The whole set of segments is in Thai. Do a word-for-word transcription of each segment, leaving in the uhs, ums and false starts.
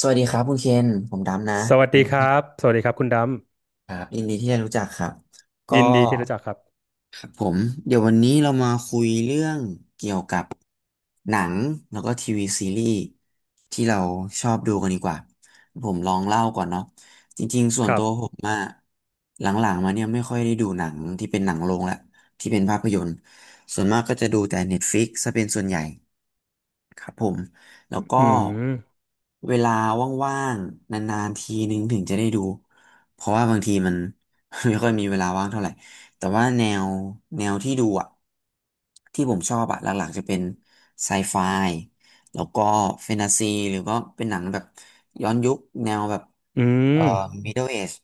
สวัสดีครับคุณเคน ผมดำนะสวัสดีครับสวัสดีครับคุณดครับยินดีที่ได้รู้จักครับำก็ยินดีที่รู้จักครับครับผมเดี๋ยววันนี้เรามาคุยเรื่องเกี่ยวกับหนังแล้วก็ทีวีซีรีส์ที่เราชอบดูกันดีกว่า ผมลองเล่าก่อนเนาะจริงๆส่วคนรัตับวผมอะหลังๆมาเนี่ยไม่ค่อยได้ดูหนังที่เป็นหนังโรงละที่เป็นภาพยนตร์ส่วนมากก็จะดูแต่ Netflix ซะเป็นส่วนใหญ่ ครับผม แล้วก็อืมเวลาว่างๆนานๆทีนึงถึงจะได้ดู เพราะว่าบางทีมัน ไม่ค่อยมีเวลาว่างเท่าไหร่ แต่ว่าแนวแนวที่ดูอ่ะที่ผมชอบอ่ะหลักๆจะเป็นไซไฟแล้วก็แฟนตาซีหรือก็เป็นหนังแบบย้อนยุคแนวแบบอืเอ่อ ม Middle Age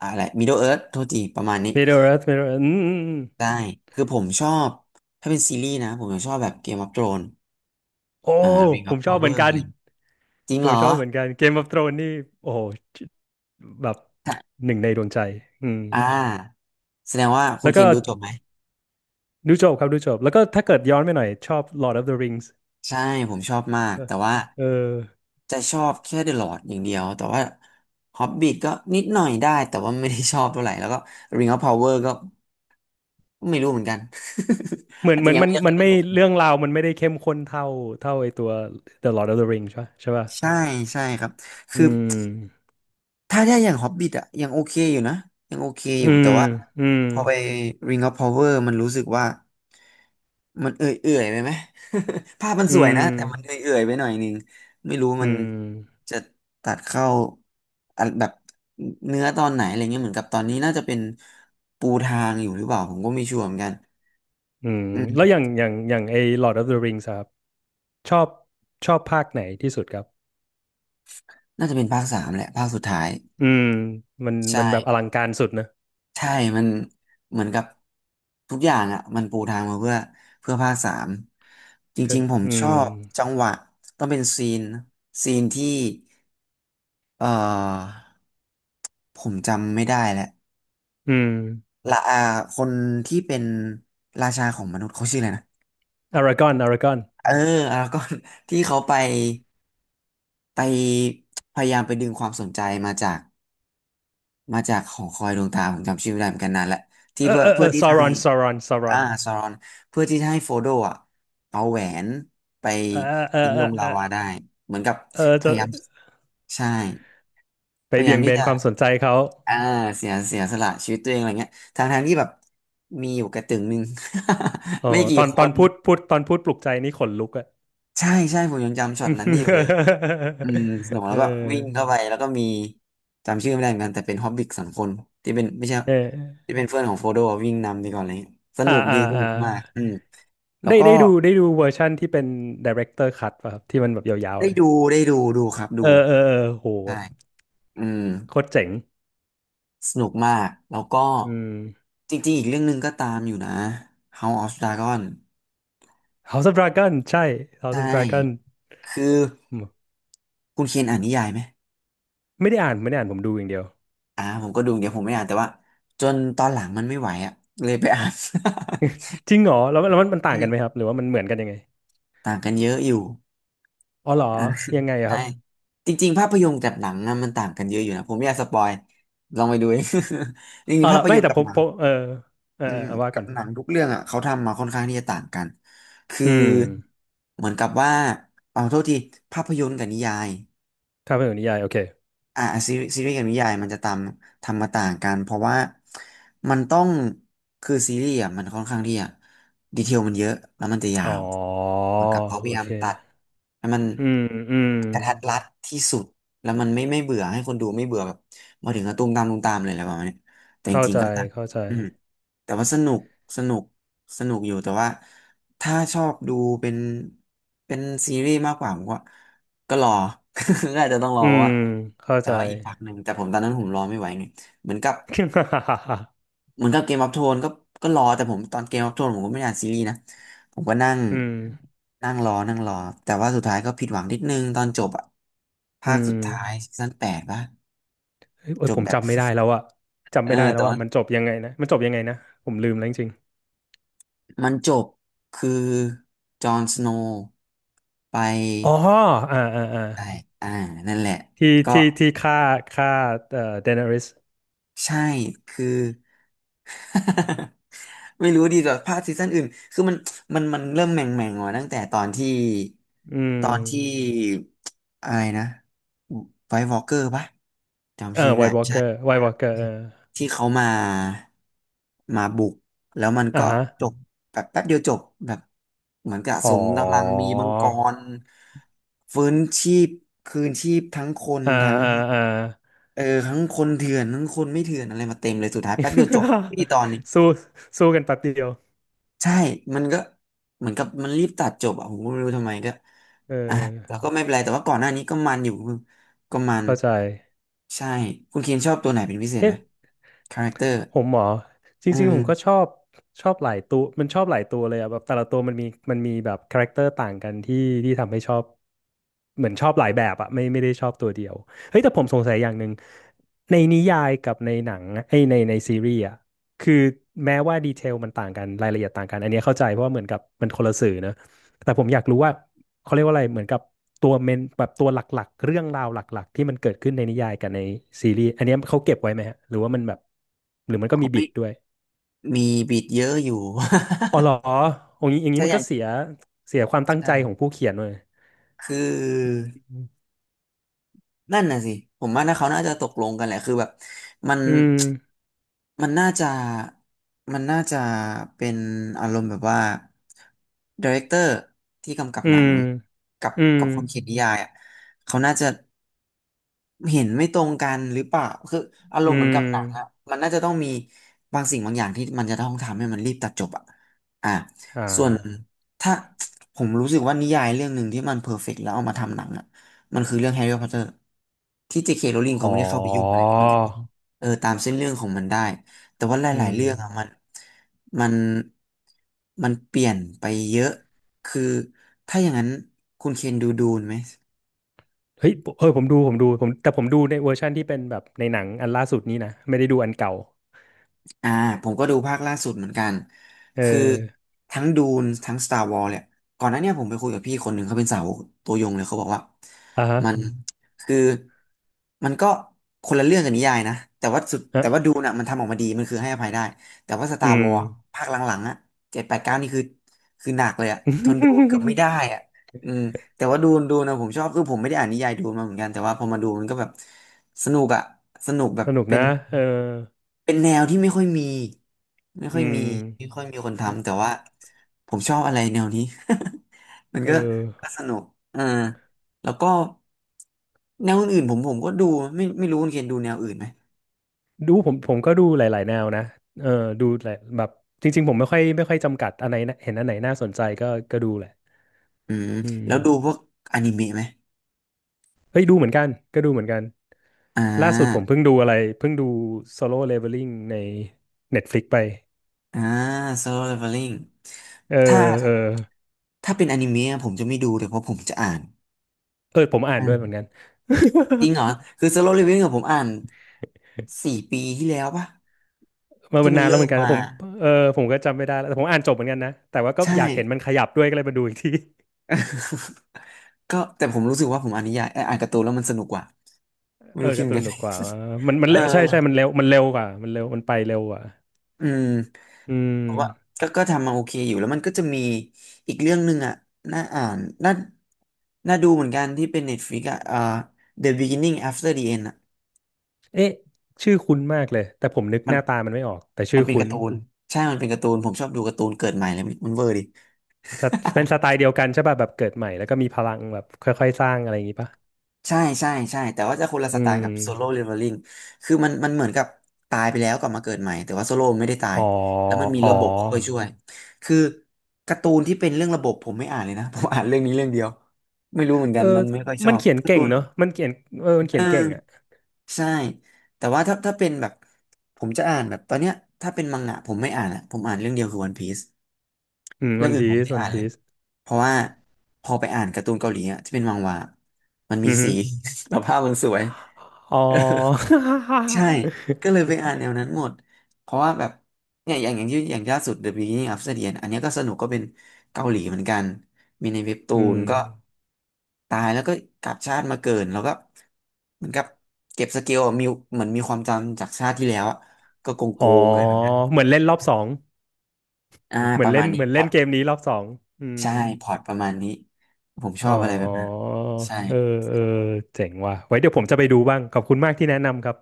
อะไร Middle Earth โทษทีประมาณนี้ Middle Earth Middle Earth อืมอืมอืได้ มคือผมชอบ ถ้าเป็นซีรีส์นะผมจะชอบแบบ Game of Thrones โอ้อ่า Ring ผ of มชอบเหมือ Power นกัอะนไร จริงผเหรมอชอบเหมือนกัน Game of Thrones นี่โอ้โหแบบหนึ่งในดวงใจอืมอ่าแสดงว่าคุแล้ณวเคก็นดูจบไหม ดูจบครับดูจบแล้วก็ถ้าเกิดย้อนไปหน่อยชอบ Lord of the Rings ใช่ ผมชอบมาก เออแต่ว่าเออจะชอบแค่เดอะลอร์ดอย่างเดียว แต่ว่าฮอบบิ t ก็นิดหน่อยได้ แต่ว่าไม่ได้ชอบเท่าไหร่ แล้วก็ Ring of Power ก็ไม่รู้เหมือนกัน เห มือนอาจเหมืจะอนยังมันไม่ได้เคมัยนสไม่นุกเรื่องราวมันไม่ได้เข้มข้นเท่าเท่าไอตัว The Lord of the Rings ใช่ปะใช่ป่ะใช่ ใช่ครับ คือ อืมถ้าได้อย่างฮอบบิ t อะยังโอเคอยู่นะยังโอเคออืยู่มแต่ว่าอืมพอไป Ring of Power มันรู้สึกว่ามันเอื่อยๆไปไหม ภาพมันอืสวยม นะแต่มันเอื่อยๆไปหน่อยนึงไม่รู้อืมันมจะตัดเข้าอันแบบเนื้อตอนไหนอะไรเงี้ยเหมือนกับตอนนี้น่าจะเป็นปูทางอยู่หรือเปล่าผมก็ไม่ชัวร์เหมือนกันอืมอืแล้วมอย่างอย่างอย่างไอ้ Lord of the Rings อะครับชอบชอบภาคไหนที่สุดครับน่าจะเป็นภาคสามแหละภาคสุดท้ายอืมมันมัใช่ นแบบอลังการสุดนะใช่มันเหมือนกับทุกอย่างอ่ะมันปูทางมาเพื่อเพื่อภาคสาม จคืริองๆผมอืชมอบจังหวะต้องเป็นซีนซีนที่เอ่อผมจำไม่ได้แล้วอืมละอาคนที่เป็นราชาของมนุษย์เขาชื่ออะไรนะอารากอนอารากอนเออแล้วก็ ที่เขาไปไปพยายามไปดึงความสนใจมาจากมาจากหอคอยดวงตาผมจำชื่อไม่ได้เหมือนกันนานแหละที่เออเพื่อเออเอเพื่ออที่ซาจะรให้ อนซารอนซารอ่าอนซารอนเพื่อที่จะให้โฟโดอ่ะเอาแหวนไปเออเออทิ้งเอลองเอลาอวาได้เหมือนกับเออพจะยายามใช่ไปพยายาเบี่ยมงเบที่นจะความสนใจเขาอ่าเสียเสียสละชีวิตตัวเองอะไรเงี้ยทางทางที่แบบมีอยู่กระตึงหนึ่ง อ๋อไม่กี่ตอนคตอนนพูดพูดตอนพูดปลุกใจนี่ขนลุกอะ ใช่ใช่ผมยังจำช็อตนั้นนี่อยู่เลยอืม สนุกเแล้วก็วิ่งออเข้าไปแล้วก็มีจำชื่อไม่ได้เหมือนกันแต่เป็นฮอบบิกสองคนที่เป็นไม่ใช่เออที่เป็นเพื่อนของโฟโดวิ่งนำไปก่อนอะไรเลยสอ่านุกอ่าดีสอ่า นุกมากอืมแล้วได้ก็ ได้ดูได้ดูเวอร์ชั่นที่เป็น director cut ป่ะครับที่มันแบบยาวๆได้เลยดูได้ดูดูครับเอดูอเออเออโหใช่อืมโคตรเจ๋งสนุกมากแล้วก็อืม จริงๆอีกเรื่องหนึ่งก็ตามอยู่นะ House of Dragon House of Dragon ใช่ House ใช่ of Dragon คืออืมคุณเคนอ่านนิยายไหมไม่ได้อ่านไม่ได้อ่านผมดูอย่างเดียวอ่าผมก็ดูเดี๋ยวผมไม่อ่านแต่ว่าจนตอนหลังมันไม่ไหวอ่ะเลยไปอ่าน จริงเหรอแล้วแล้วมันมัน ต่างกันไหมครัใช่บหรือว่ามันเหมือนกันยังไงต่างกันเยอะอยู่อ๋อเหรออ่ะยังไงอะใช่ครับจริงๆภาพยนตร์กับหนังอะมันต่างกันเยอะอยู่นะผมไม่อยากสปอยลองไปดูเอง จริอ๋องๆเหรภาอพไม่ยนตร์แต่กับผหมนัผง มเออเอออืเออมเอาว่ากัก่อบนหนังทุกเรื่องอ่ะเขาทำมาค่อนข้างที่จะต่างกันคืออืมเหมือนกับว่าเอาโทษทีภาพยนตร์กับนิยายถ้าเป็นนิยายโอเคอ่าซีรีส์ซีรีส์กับนิยายมันจะตามทำมาต่างกันเพราะว่ามันต้องคือซีรีส์อ่ะมันค่อนข้างที่จะดีเทลมันเยอะแล้วมันจะยาอ๋อวเหมือนกับเขาพโอยายาเคมตัดให้มันอืมอืมกระทัดรัดที่สุดแล้วมันไม่ไม่เบื่อให้คนดูไม่เบื่อแบบมาถึงก็ตุ้มตามตุ้มตามเลยอะไรประมาณเนี้ยแต่จเข้าริงใจๆก็ตัดเข้าใจอืมแต่ว่าสนุกสนุก สนุกอยู่แต่ว่าถ้าชอบดูเป็นเป็นซีรีส์มากกว่าผมก็ก็รอ ก็อาจจะต้องรออืเะมว่าเข้าแต่ใจ ว่าอีกพักหนึ่งแต่ผมตอนนั้นผมรอไม่ไหวไงเหมือนกับ เหมือนกับเกมออฟโทนก็ก็รอแต่ผมตอนเกมออฟโทนผมก็ไม่ได้อ่านซีรีส์นะผมก็นั่งอืม นั่งรอนั่งรอแต่ว่าสุดท้ายก็ผิดหวังนิดนึงตอนจบอะอืภาคสุมดท้ายซีซั่นแปดปะเอ้ยเอ้จยบผมแบบ จำไม่ได้แล้วอะ จำเออไม่ได้แล้แต่วอะว่ามันจบยังไงนะมันจบยังไงนะผมลืมแล้วจริงมันจบคือจอห์นสโนว์ไป ๆอ๋ออ่าอ่าอ่าใช่อ่านั่นแหละที่ก็ที่ที่ฆ่าฆ่าเอ่อเดนาริสใช่คือ ไม่รู้ดีกว่าภาคซีซั่นอื่น คือมัน มัน มันเริ่มแหม่งแม่งมาตั้งแต่ตอนที่ อืมตอนที่อะไรนะไวท์วอล์กเกอร์ปะ เอจำอชื่อไม่ไวได้ท์วอล์กเกอร์ใช่ ไวท์วอล์กเกอร์เออที่เขามา มาบุกแล้วมันอ่าก็ฮะจบ แบบแป๊บเดียวจบ แบบ เหมือนกับอ๋สอมกำลังมีมังกรฟื้นชีพคืนชีพทั้งคนอ่าทั้ง อ่าอ่า เออทั้งคนเถื่อนทั้งคนไม่เถื่อนอะไรมาเต็มเลยสุดท้ายแป๊บเดียวจบไม่กี่ตอนนี่ สู้สู้กันแป๊บเดียวใช่มันก็เหมือนกับมันรีบตัดจบอ่ะผมก็ไม่รู้ทำไมก็เอ่ะแล้วออก็ไม่เป็นไรแต่ว่าก่อนหน้านี้ก็มันอยู่ก็มันเข้าใจใช่คุณเคนชอบตัวไหนเป็นพิเศษไหเอ๊ะ มคาแรคเตอร์ผมเหรอจอืริงๆผมก็ชมอบชอบหลายตัวมันชอบหลายตัวเลยอะแบบแต่ละตัวมันมีมันมีแบบคาแรคเตอร์ต่างกันที่ที่ทำให้ชอบเหมือนชอบหลายแบบอะไม่ไม่ได้ชอบตัวเดียวเฮ้ยแต่ผมสงสัยอย่างหนึ่งในนิยายกับในหนังไอ้ยในในซีรีส์อะคือแม้ว่าดีเทลมันต่างกันรายละเอียดต่างกันอันเนี้ยเข้าใจเพราะว่าเหมือนกับมันคนละสื่อนะ แต่ผมอยากรู้ว่าเขาเรียกว่าอะไรเหมือนกับตัวเมนแบบตัวหลักๆเรื่องราวหลักๆที่มันเกิดขึ้นในนิยายกับในซีรีส์อันเนี้ยเขาเก็บไว้ไหมฮะหรือว่ามันแบบหรือมันก็เขามีบิไม่ดด้วยมีบิดเยอะอยู่ อ๋อเหรออย่างนี้อย่า งใช่นี้มัอนย่าก็งเสียเสียความตั้งใจของใช่ผู้เขียนเลยคือ นั่นน่ะสิผมว่านะเขาน่าจะตกลงกันแหละคือแบบมันอืมมันน่าจะมันน่าจะเป็นอารมณ์แบบว่าดีเรคเตอร์ที่กำกับอืหนัมงกับอืมกับคนเขียนนิยายอ่ะเขาน่าจะ เห็นไม่ตรงกันหรือเปล่าคืออารอืมณ์เหมือนกัมบหนังอะมันน่าจะต้องมีบางสิ่งบางอย่างที่มันจะต้องทำให้มันรีบตัดจบอะอ่าอ่าส่วนถ้าผมรู้สึกว่านิยายเรื่องหนึ่งที่มันเพอร์เฟกต์แล้วเอามาทำหนังอะมันคือเรื่องแฮร์รี่พอตเตอร์ที่เจเคโรลลิงอ๋เขาอไม่ได้เข้าไปยุ่งอะไรอย่างนี้มันก็เลยเออตามเส้นเรื่องของมันได้แต่ว่าหอืลายๆมเรื่องอะมันมันมันเปลี่ยนไปเยอะคือถ้าอย่างนั้นคุณเคนดูดูนไหม เฮ้ยเออผมดูผมดูผมแต่ผมดูในเวอร์ชันที่เป็นแบบในหนังอันล่าสุดนี้นะไม่ได้ดูอันเก่าอ่าผมก็ดูภาคล่าสุดเหมือนกันเออคือทั้งดูนทั้ง Star Wars เนี่ยก่อนหน้าเนี่ยผมไปคุยกับพี่คนหนึ่งเขาเป็นสาวกตัวยงเลยเขาบอกว่าอ่าฮะมันอืมคือมันก็คนละเรื่องกับนิยายนะแต่ว่าสุดอ่ะแต่ว่าดูน่ะมันทำออกมาดีมันคือให้อภัยได้แต่ว่า อื Star ม Wars อภาคหลังๆอ่ะเจ็ดแปดเก้านี่คือคือหนักเลยอ่ะทนดูเกือบไม่ ได้อ่ะอืม แต่ว่าดูนดูนะผมชอบคือผมไม่ได้อ่านนิยายดูนมาเหมือนกันแต่ว่าพอมาดูมันก็แบบสนุกอะสนุกแบบสนุกเป็นะนเออเป็นแนวที่ไม่ค่อยมีไม่อืค่อยมีมไม่ค่อยมีคนทำแต่ว่าผมชอบอะไรแนวนี้ มันเอก็ก็อสนุกเออแล้วก็แนวอื่นๆผมผมก็ดูไม่ไม่รู้คุณเคนดูแนวอื่นไหมดูผมผมก็ดูหลายๆแนวนะเออดูแหละแบบจริงๆผมไม่ค่อยไม่ค่อยจำกัดอันไหนนะเห็นอันไหนน่าสนใจก็ก็ดูแหละอืมอืมแล้วดูพวกอนิเมะไหมเฮ้ยดูเหมือนกันก็ดูเหมือนกันอ่ล่าสุดผมาเพิ่งดูอะไรเพิ่งดู Solo Leveling ใน Netflix ไปอ่า Solo Leveling เออถ้าเออถ้าเป็นอนิเมะผมจะไม่ดูเลยเพราะผมจะอ่าน เออผมอ่านด้วยเหมือนอ่ากัน จริงเหรอคือ Solo Leveling กัผมอ่านสี่ปีที่แล้วปะมาที่มันมันนานแล้วเริ่เหมืมอนกันะมาผมเออผมก็จำไม่ได้แล้วแต่ผมอ่านจบเหมือนกันนะแต่ว่าก็ใช่อยากเห็นมันขยับด้วยก็เลยมาดูอีกที ก็แต่ผมรู้สึกว่าผมอ่านนิยายเอ่ออ่านการ์ตูนแล้วมันสนุกกว่าไม่เออรู้คิดกาเหร์มือตูนนกัน ดุกกว่ามัน มันเออเร็วใช่ใช่มันเร็วมันเร็วกว่ามันเร็วมันไปเร็วกว่าอืมอืผมว่ามก็ก็ทำมาโอเคอยู่แล้วมันก็จะมีอีกเรื่องหนึ่งอ่ะน่าอ่านน่าน่าดูเหมือนกันที่เป็น Netflix อ่ะเอ่อ The Beginning After the End อ่ะเอ๊ะชื่อคุ้นมากเลยแต่ผมนึกมัหนน้าตามันไม่ออกแต่ชื่มันอเป็นกาคุ้นร์ตูนใช่มันเป็นการ์ตูนผมชอบดูการ์ตูนเกิดใหม่เลยมันมันเวอร์ดิ สไต เป็นสไตล์เดียวกันใช่ป่ะแบบเกิดใหม่แล้วก็มีพลังแบบค่อยๆสร้างอะไรอย่างงี้ป่ะใช่ใช่ใช่แต่ว่าจะคนละสอืไตล์กับโซโล่มเลเวลลิ่งคือมันมันเหมือนกับตายไปแล้วกลับมาเกิดใหม่แต่ว่าโซโล่ไม่ได้ตายอ๋อแล้วมันมีอ๋ระอบบบคอยช่วยคือการ์ตูนที่เป็นเรื่องระบบผมไม่อ่านเลยนะ ผมอ่านเรื่องนี้เรื่องเดียวไม่รู้เหมือนเอกัอนมันไม่ค่อยชมัอนบเขียนการ์เก่ตูงนเนอะมันเขียนเออมันเอเขียนเก่งอ่ะอใช่แต่ว่าถ้าถ้าเป็นแบบผมจะอ่านแบบตอนเนี้ยถ้าเป็นมังงะผมไม่อ่านอ่ะผมอ่านเรื่องเดียวคือวันพีซอืมเรื่วัองนอื่นพีผมไม่ซได้วันอ่านเลพียซเพราะว่าพอไปอ่านการ์ตูนเกาหลีอ่ะที่เป็นมังหวะมันอืมีอฮึสี แล้วภาพมันสวย อ๋อ ใช่ก็เล ยไปอ่านแนวนั้นหมดเพราะว่าแบบเนี่ยอย่างอย่างที่อย่างล่าสุด The Beginning of the End อันเนี้ยก็สนุกก็เป็นเกาหลีเหมือนกันมีในเว็บตูอืนมก็ตายแล้วก็กลับชาติมาเกิดแล้วก็เหมือนกับเก็บสเกลอะมีเหมือนมีความจำจากชาติที่แล้วอะก็โกงโกอ๋องอะไรแบบนั้นเหมือนเล่นรอบสองอ่าเหมืปอนระเล่มานณนี้เหมือนพเล่อนตเกมนี้รอบสองอืม ใช่พอตประมาณนี้ผมชอ๋ออบอะไรแบบนั้นใช่ เออเออเจ๋งว่ะไว้เดี๋ยวผมจะไปดูบ้าง ขอบคุณมากที่แนะนำครับ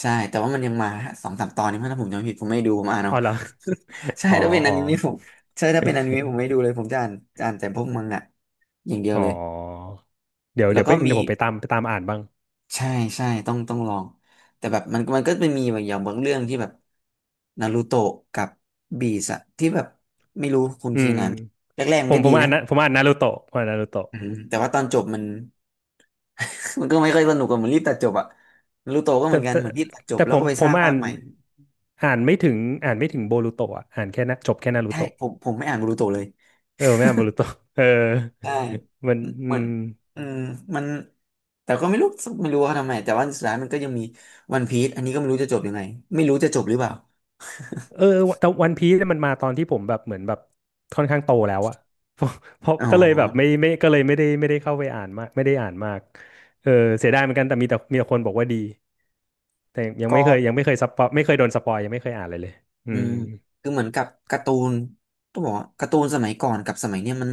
ใช่ แต่ว่ามันยังมาสองสามตอนนี้มั้งถ้าผมจำไม่ผิดผมไม่ดูผมอ่านเอา อ๋อเหรอ ใช่อ๋อ ถ้าเป็นออ๋อนิเมะผมใช่ถ้าเป็นอนิเมะผมไม่ดูเลยผมจะอ่านจะอ่านแต่พวกมังงะอย่างเดียวอ๋อเลยเดี๋ยวแล้เดี๋วยวไปก็มีเดี๋ยวผมไปตามไปตามอ่านบ้างใช่ใช่ต้องต้องลองแต่แบบมันมันก็เป็นมีแบบอย่างบางเรื่องที่แบบนารูโตะกับบีสอะที่แบบไม่รู้คุณอืเคนมอ่านไหมแรกๆผมันมก็ผดีมอ่านะนนะผมอ่านนารูโตะผมอ่านนารูโตะอืมแต่ว่าตอนจบมัน มันก็ไม่ค่อยสนุกอะเหมือนรีบตัดจบอะนารูโตะก็เหแต่มือนกันแต่เหมือนรีบตัดจบแต่แล้ผวก็มไปผสมร้างอ่าภาคนใหม่อ่านไม่ถึงอ่านไม่ถึงโบรูโตะอ่ะอ่านแค่นะจบแค่นารูใช่โตะผมผมไม่อ่านนารูโตะเลย เออไม่อ่านโบรูโตะเออใช่มันอืเหมือนม อืมมันแต่ก็ไม่รู้ไม่รู้ว่าทำไมแต่ว่าสุดท้ายมันก็ยังมีวันพีซอันนี้ก็ไม่รู้จะจบยังไงไม่รู้จะจบหรือเปล่าเออแต่วันพีซมันมาตอนที่ผมแบบเหมือนแบบค่อนข้างโตแล้วอะ เพราะเพราะอ๋อก็เลยแบบไม่ไม่ก็เลยไม่ได้ไม่ได้เข้าไปอ่านมากไม่ได้อ่านมากเออเสียดายเหมือนกันแต่มีแต่มีแต่คนบอกว่าดีแต่ยังไม่ก็ เคยยังไม่เคยสปอยไม่เคยโดนสปอยยังไม่เคยอ่านเลยเลยอือืมมคือเหมือนกับการ์ตูนต้องบอกว่าการ์ตูนสมัยก่อนกับสมัยเนี้ยมัน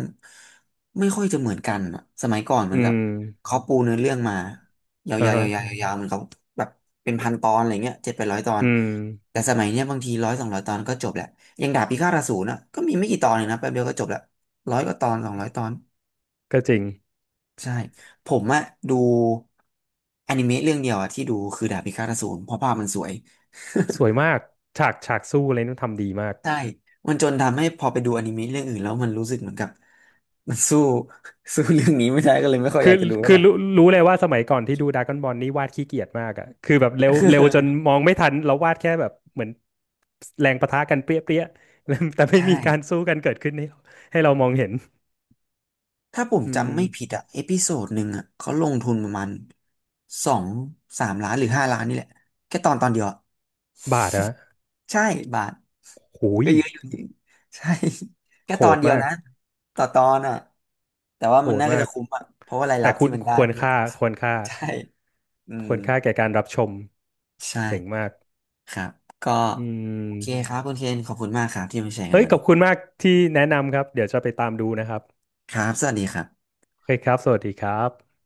ไม่ค่อยจะเหมือนกันอะสมัยก่อนเหมือือนกับมเขาปูเนื้อเรื่องมายาวๆอ่ายาวฮะๆยาวๆเหมือนเขาแบบเป็นพันตอนอะไรเงี้ยเจ็ดไปร้อยตอนอืมแต่สมัยเนี้ยบางทีร้อยสองร้อยตอนก็จบแหละอย่างดาบพิฆาตอสูรนะก็มีไม่กี่ตอนเลยนะแป๊บเดียวก็จบละร้อยกว่าตอนสองร้อยตอนก็จริงใช่ผมอะดูอนิเมะเรื่องเดียวอะที่ดูคือดาบพิฆาตอสูรเพราะภาพมันสวย ส วยมากฉากฉากสู้อะไรนู่นทำดีมาก ใช่มันจนทำให้พอไปดูอนิเมะเรื่องอื่นแล้วมันรู้สึกเหมือนกับ มันสู้ สู้เรื่องนี้ไม่ได้ก็เลยไม่ค่อยอคือยากจะดูเท่าคืไหอร่รู้รู้เลยว่าสมัยก่อนที่ดูดราก้อนบอลนี่วาดขี้เกียจมากอ่ะคือแบบเร็วเร็วจนมองไม่ทันเราวาดแค่แบบเหมือนแรงปะทะกันเปรี้ยเปรี้ย แล้วแต่ไม่มีใช่การสู้กันเกิดขึ้นให้เราให้เรามองเห็นถ้าผมอืมจำไม่ผิดอะเอพิโซดหนึ่งอะเขาลงทุนประมาณสองสามล้านหรือห้าล้านนี่แหละแค่ตอนตอนเดียวอะบาทนะใช่บาทโหยก็เยอะอยู่จริงใช่ แค่โหตอนดเดียวมากนะต่อตอนอะแต่ว่าโหมันดน่าก็มาจะกคุ้มอะเพราะว่ารายแต่รับคุที่ณมันได้ควรมันก็ ค่าควรค่า ใช่อืคมวรค่าแก่การรับชมเจ๋งใช่ มากครับก็อืโอเคคมรับคุณเคนขอบคุณมากครับที่มาแชร์กันเฮ้ยวันขอนี้ บคุณมากที่แนะนำครับเดี๋ยวจะไปตามดูนะครับครับ สวัสดีครับโอเคครับสวัสดีครับ